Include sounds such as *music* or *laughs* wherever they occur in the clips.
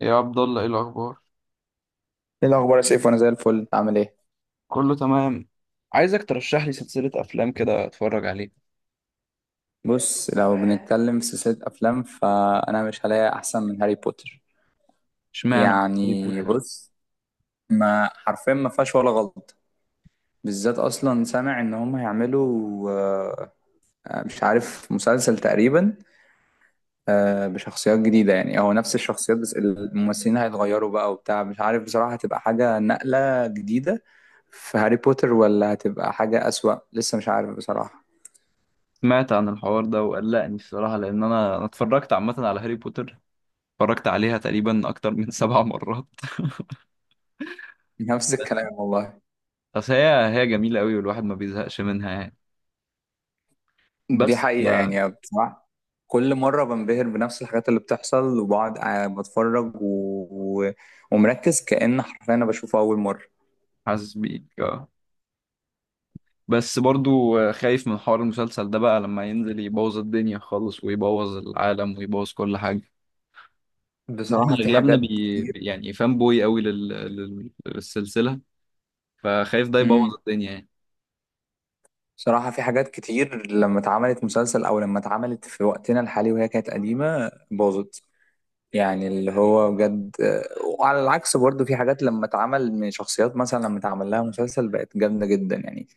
يا عبد الله، ايه الاخبار؟ ايه الاخبار يا سيف؟ وانا زي الفل، عامل ايه؟ كله تمام. عايزك ترشح لي سلسلة افلام كده اتفرج عليها. بص، لو بنتكلم في سلسلة أفلام فأنا مش هلاقي أحسن من هاري بوتر. اشمعنى هاري يعني بوتر؟ بص، ما حرفيا ما فيهاش ولا غلط. بالذات أصلا سامع إن هم هيعملوا، مش عارف، مسلسل تقريبا، بشخصيات جديدة. يعني هو نفس الشخصيات، بس الممثلين هيتغيروا بقى وبتاع. مش عارف بصراحة، هتبقى حاجة نقلة جديدة في هاري بوتر ولا هتبقى حاجة أسوأ؟ لسه مش عارف بصراحة. سمعت عن الحوار ده وقلقني الصراحة، لان انا اتفرجت عامة على هاري بوتر، اتفرجت عليها تقريبا اكتر من 7 مرات. *laughs* نفس الكلام والله. *laughs* بس هي جميلة قوي، والواحد ما بيزهقش منها يعني. دي بس حقيقة آه، يعني بصراحة. كل مرة بنبهر بنفس الحاجات اللي بتحصل وبقعد قاعد بتفرج و... و... ومركز، كأن حرفيا أنا بشوفه أول مرة. حاسس بيك آه. بس برضو خايف من حوار المسلسل ده بقى، لما ينزل يبوظ الدنيا خالص ويبوظ العالم ويبوظ كل حاجة. احنا بصراحة في اغلبنا حاجات كتير. يعني فان بوي قوي للسلسلة، فخايف ده امم يبوظ الدنيا يعني. بصراحة في حاجات كتير، لما اتعملت مسلسل أو لما اتعملت في وقتنا الحالي وهي كانت قديمة، باظت. يعني اللي هو بجد. وعلى العكس برضه، في حاجات لما اتعمل من شخصيات مثلا، لما اتعمل لها مسلسل بقت جامدة جدا يعني.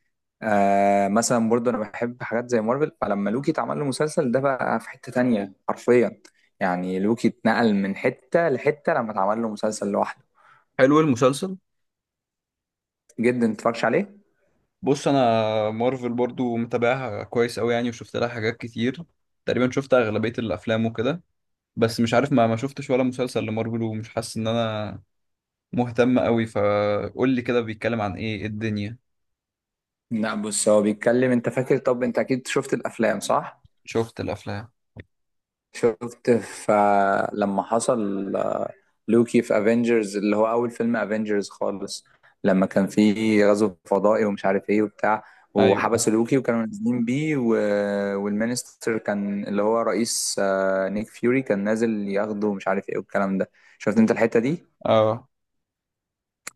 مثلا برضه انا بحب حاجات زي مارفل، فلما لوكي اتعمل له مسلسل، ده بقى في حتة تانية حرفيا. يعني لوكي اتنقل من حتة لحتة لما اتعمل له مسلسل لوحده. حلو المسلسل. جدا، متفرجش عليه. بص انا، مارفل برضو متابعها كويس قوي يعني، وشفت لها حاجات كتير، تقريبا شفت اغلبية الافلام وكده. بس مش عارف، ما شفتش ولا مسلسل لمارفل، ومش حاسس ان انا مهتم قوي. فقول لي كده، بيتكلم عن ايه؟ إيه الدنيا؟ لا بص، هو بيتكلم. انت فاكر؟ طب انت اكيد شفت الافلام، صح؟ شفت الافلام. شفت فلما حصل لوكي في افنجرز، اللي هو اول فيلم افنجرز خالص. لما كان في غزو فضائي ومش عارف ايه وبتاع، ايوه. وحبسوا لوكي وكانوا نازلين بيه والمينستر كان اللي هو رئيس، نيك فيوري كان نازل ياخده ومش عارف ايه والكلام ده. شفت انت الحتة دي؟ اه.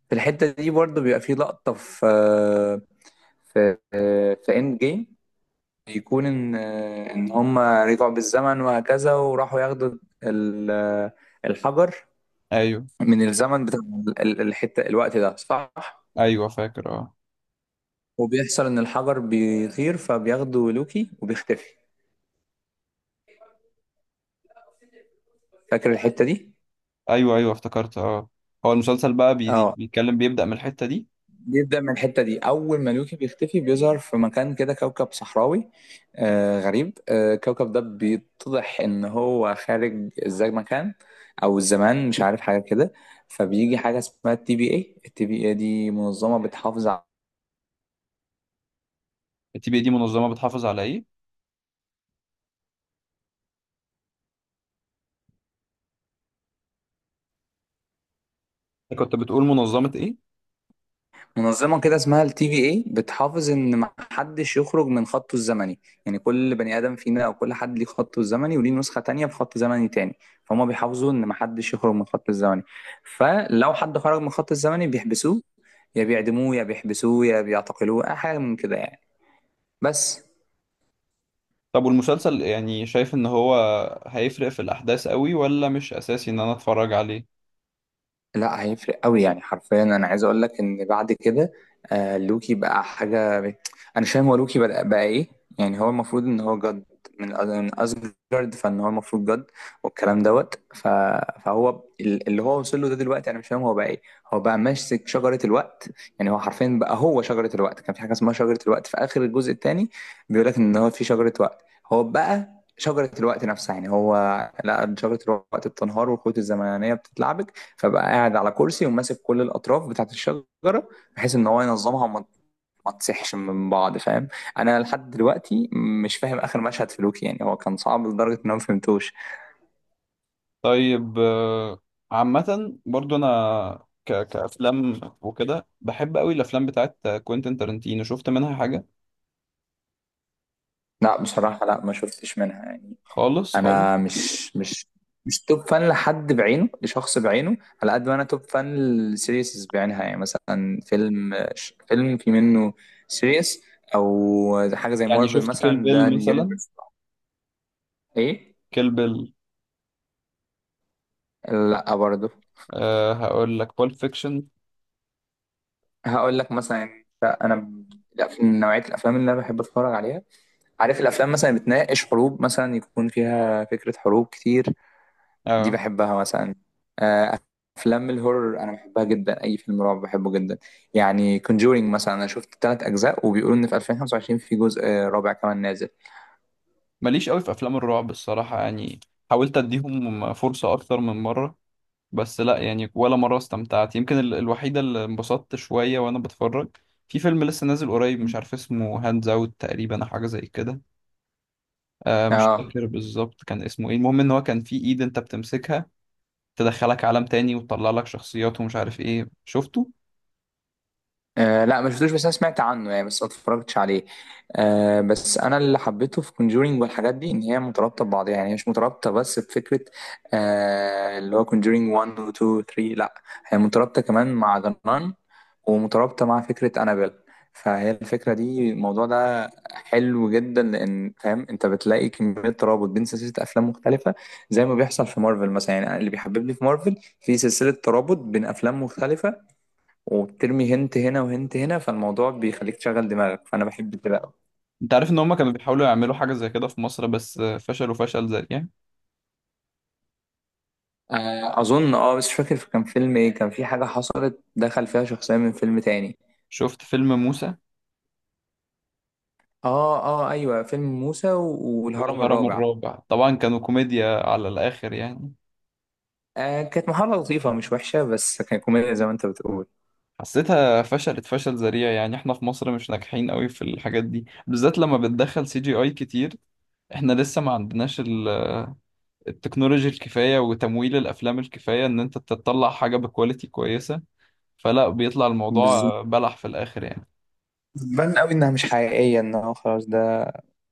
في الحتة دي برضه بيبقى في لقطة في اند جيم، يكون ان هم رجعوا بالزمن وهكذا وراحوا ياخدوا ال- آه، الحجر ايوه، من الزمن بتاع الحتة، الوقت ده، صح؟ ايوه فاكر، اه. وبيحصل ان الحجر بيطير، فبياخده لوكي وبيختفي. فاكر الحتة دي؟ ايوه، ايوه افتكرت، اه. هو المسلسل بقى اه. بيتكلم، بيبدأ من الحتة دي. بيبدأ من الحتة دي، اول ما لوكي بيختفي بيظهر في مكان كده، كوكب صحراوي، غريب. الكوكب ده بيتضح ان هو خارج، ازاي مكان او الزمان، مش عارف حاجة كده. فبيجي حاجة اسمها التي بي اي، دي منظمة بتحافظ، TBD منظمة بتحافظ على ايه؟ كنت بتقول منظمة ايه؟ منظمة كده اسمها التي في اي، بتحافظ ان محدش يخرج من خطه الزمني. يعني كل بني ادم فينا او كل حد ليه خطه الزمني وليه نسخة تانية في خط زمني تاني، فهم بيحافظوا ان محدش يخرج من خطه الزمني. فلو حد خرج من خطه الزمني بيحبسوه، يا بيعدموه يا بيحبسوه يا بيعتقلوه، اي حاجة من كده يعني. بس. طب والمسلسل يعني، شايف ان هو هيفرق في الاحداث قوي، ولا مش اساسي ان انا اتفرج عليه؟ لا، هيفرق قوي يعني. حرفيا انا عايز اقول لك ان بعد كده، لوكي بقى حاجه انا مش فاهم هو. لوكي بقى ايه؟ يعني هو المفروض ان هو جد، من اسجارد، فان هو المفروض جد والكلام دوت فهو اللي هو وصل له ده دلوقتي، انا مش فاهم هو بقى ايه. هو بقى ماسك شجره الوقت. يعني هو حرفيا بقى هو شجره الوقت. كان في حاجه اسمها شجره الوقت في اخر الجزء الثاني، بيقول لك ان هو في شجره وقت. هو بقى شجرة الوقت نفسها، يعني هو، لا، شجرة الوقت بتنهار والخيوط الزمنية بتتلعبك، فبقى قاعد على كرسي وماسك كل الاطراف بتاعت الشجره، بحيث ان هو ينظمها وما ما تصحش من بعض، فاهم؟ انا لحد دلوقتي مش فاهم اخر مشهد في لوكي، يعني هو كان صعب لدرجه ان انا ما فهمتوش. طيب، عامة برضو انا كافلام وكده بحب قوي الافلام بتاعت كوينتين تارنتينو، شفت منها حاجة؟ لا بصراحه، لا ما شفتش منها يعني. خالص انا خالص. مش توب فان لحد بعينه، لشخص بعينه. على قد ما انا توب فان للسيريسز بعينها، يعني مثلا فيلم في منه سيريس، او حاجه زي يعني مارفل شفت كيل مثلا، ده بيل مثلا؟ يونيفرس. ايه؟ كيل بيل. لا برضه. أه، هقول لك بول فيكشن. هقول لك مثلا، يعني من نوعيه الافلام اللي انا بحب اتفرج عليها، عارف، الافلام مثلا اللي بتناقش حروب، مثلا يكون فيها فكره حروب كتير. دي أه. بحبها مثلا. آه، افلام الهورر انا بحبها جدا، اي فيلم رعب بحبه جدا. يعني كونجورينج مثلا، انا شفت 3 اجزاء، وبيقولوا ان في 2025 في جزء رابع كمان نازل. ماليش قوي في افلام الرعب الصراحة يعني، حاولت اديهم فرصة اكتر من مرة، بس لا يعني، ولا مرة استمتعت. يمكن الوحيدة اللي انبسطت شوية وانا بتفرج في فيلم لسه نازل قريب، مش مم. عارف اسمه، هاندز اوت تقريبا أو حاجة زي كده. آه، مش اه. فاكر بالظبط كان اسمه ايه. المهم ان هو كان في ايد انت بتمسكها، تدخلك عالم تاني وتطلع لك شخصيات ومش عارف ايه، شفته. لا، ما شفتوش بس انا سمعت عنه يعني، بس ما اتفرجتش عليه. بس انا اللي حبيته في كونجورينج والحاجات دي، ان هي مترابطه ببعضها، يعني هي مش مترابطه بس بفكره. اللي هو كونجورينج 1 و 2 و 3، لا، هي مترابطه كمان مع جنان، ومترابطه مع فكره انابيل. فهي الفكره دي، الموضوع ده حلو جدا، لان فاهم انت بتلاقي كميه ترابط بين سلسله افلام مختلفه، زي ما بيحصل في مارفل مثلا. يعني اللي بيحببني في مارفل، في سلسله ترابط بين افلام مختلفه، وبترمي هنت هنا وهنت هنا، فالموضوع بيخليك تشغل دماغك، فانا بحب كده قوي. انت عارف ان هما كانوا بيحاولوا يعملوا حاجة زي كده في مصر، بس فشلوا فشل ذريع. اظن اه، بس مش فاكر كان فيلم ايه. كان في حاجه حصلت دخل فيها شخصيه من فيلم تاني. شفت فيلم موسى؟ اه، اه، ايوه، فيلم موسى والهرم والهرم الرابع. الرابع طبعا، كانوا كوميديا على الآخر يعني. كانت محاولة لطيفة مش وحشة، بس كان كوميديا زي ما انت بتقول. حسيتها فشلت فشل ذريع يعني، احنا في مصر مش ناجحين قوي في الحاجات دي، بالذات لما بتدخل CGI كتير. احنا لسه ما عندناش التكنولوجي الكفاية وتمويل الافلام الكفاية، ان انت تطلع حاجة بكواليتي كويسة، فلا بيطلع بالظبط. الموضوع بلح في الاخر يعني. بان قوي انها مش حقيقية، انه خلاص ده،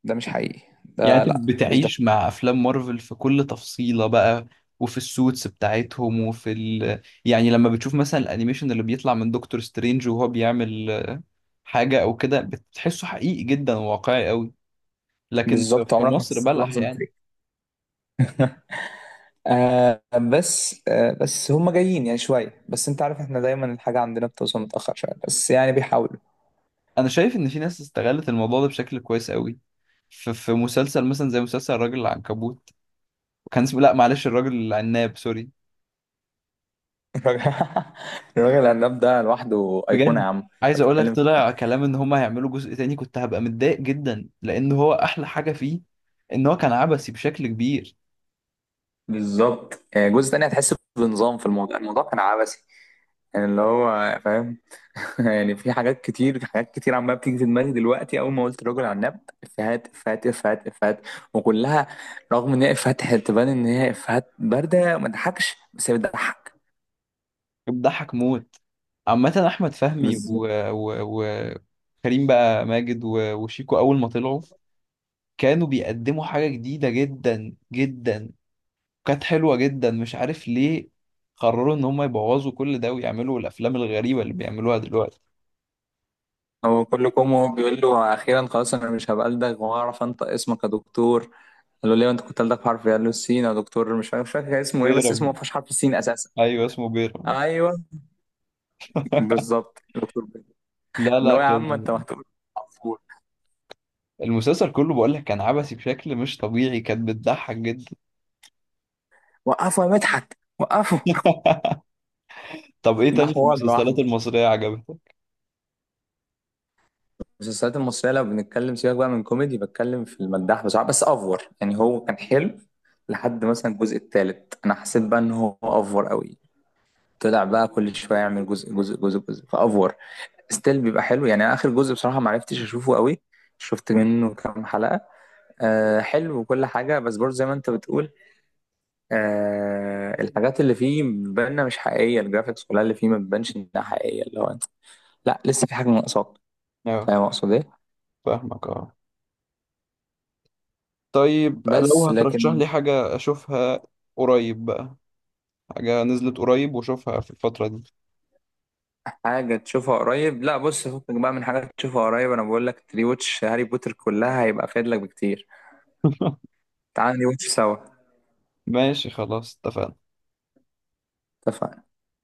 مش حقيقي، يعني ده انت لا، مش ده. بتعيش مع افلام مارفل في كل تفصيلة بقى، وفي السوتس بتاعتهم، وفي يعني لما بتشوف مثلا الانيميشن اللي بيطلع من دكتور سترينج، وهو بيعمل حاجة او كده، بتحسه حقيقي جدا وواقعي قوي. لكن بالظبط، في عمرك ما مصر حسيت بلح لحظة؟ يعني. آه بس، بس هم جايين يعني شوية، بس انت عارف احنا دايما الحاجة عندنا بتوصل متأخر شوية، بس يعني بيحاولوا. انا شايف ان في ناس استغلت الموضوع ده بشكل كويس قوي. في مسلسل مثلا زي مسلسل الراجل العنكبوت، كان اسمه، لا معلش، الراجل العناب، سوري. *laughs* الراجل الراجل العناب ده لوحده أيقونة، بجد، يا عم انت عايز اقول لك، بتتكلم طلع كلام ان هما هيعملوا جزء تاني كنت هبقى متضايق جدا، لان هو احلى حاجة فيه ان هو كان عبثي بشكل كبير. بالظبط. جزء تاني هتحس بنظام في الموضوع، الموضوع كان عبثي. يعني اللي هو فاهم. *laughs* يعني في حاجات كتير عمالة بتيجي في دماغي دلوقتي، أول ما قلت الراجل عناب، إفيهات إفيهات إفيهات إفيهات، وكلها رغم إن هي إفيهات تبان إن هي إفيهات باردة، ما تضحكش بس هي بتضحك. بيضحك موت. عامة احمد فهمي و كريم بقى ماجد و وشيكو اول ما طلعوا كانوا بيقدموا حاجة جديدة جدا جدا، كانت حلوة جدا. مش عارف ليه قرروا ان هم يبوظوا كل ده ويعملوا الافلام الغريبة اللي بيعملوها دلوقتي. هو كل كومو بيقول له: اخيرا خلاص انا مش هبقى الدغ وهعرف انطق اسمك يا دكتور. قال له: ليه انت كنت الدغ حرف إيه؟ قال له: السين يا دكتور. مش فاكر كان اسمه ايه، بس اسمه ما بيرم. فيهوش حرف السين اساسا. ايوه، اسمه بيرم. ايوه. بالظبط يا دكتور بيه. لا اللي لا، هو يا عم كان انت، ما هتقول، وقفوا، المسلسل كله، بقول لك، كان عبثي بشكل مش طبيعي، كانت بتضحك جدا. وقفوا يا مدحت، وقفوا. طب ايه ده تاني في حوار المسلسلات لوحده. المصرية عجبتك؟ المسلسلات المصريه لو بنتكلم، سيبك بقى من كوميدي، بتكلم في المداح بصراحه، بس افور يعني هو كان حلو. لحد مثلا الجزء الثالث، انا حسيت بقى ان هو افور قوي. طلع بقى كل شويه يعمل جزء جزء جزء جزء، فافور ستيل بيبقى حلو يعني. اخر جزء بصراحه ما عرفتش اشوفه قوي، شفت منه كام حلقه. حلو وكل حاجه، بس برضه زي ما انت بتقول، الحاجات اللي فيه بتبان مش حقيقيه، الجرافيكس كلها اللي فيه ما بتبانش انها حقيقيه. اللي هو انت، لا، لسه في حاجه ناقصاك. اه. فاهم اقصد ايه؟ فاهمك اه. طيب، لو بس هترشح لكن. لي حاجة اشوفها قريب بقى، حاجة نزلت قريب واشوفها في الفترة دي. حاجه تشوفها قريب؟ لا بص، فكك بقى من حاجات تشوفها قريب. انا بقول لك ري واتش هاري بوتر كلها، هيبقى فايد لك بكتير. *laughs* تعال ري واتش سوا. ماشي خلاص، اتفقنا. اتفقنا.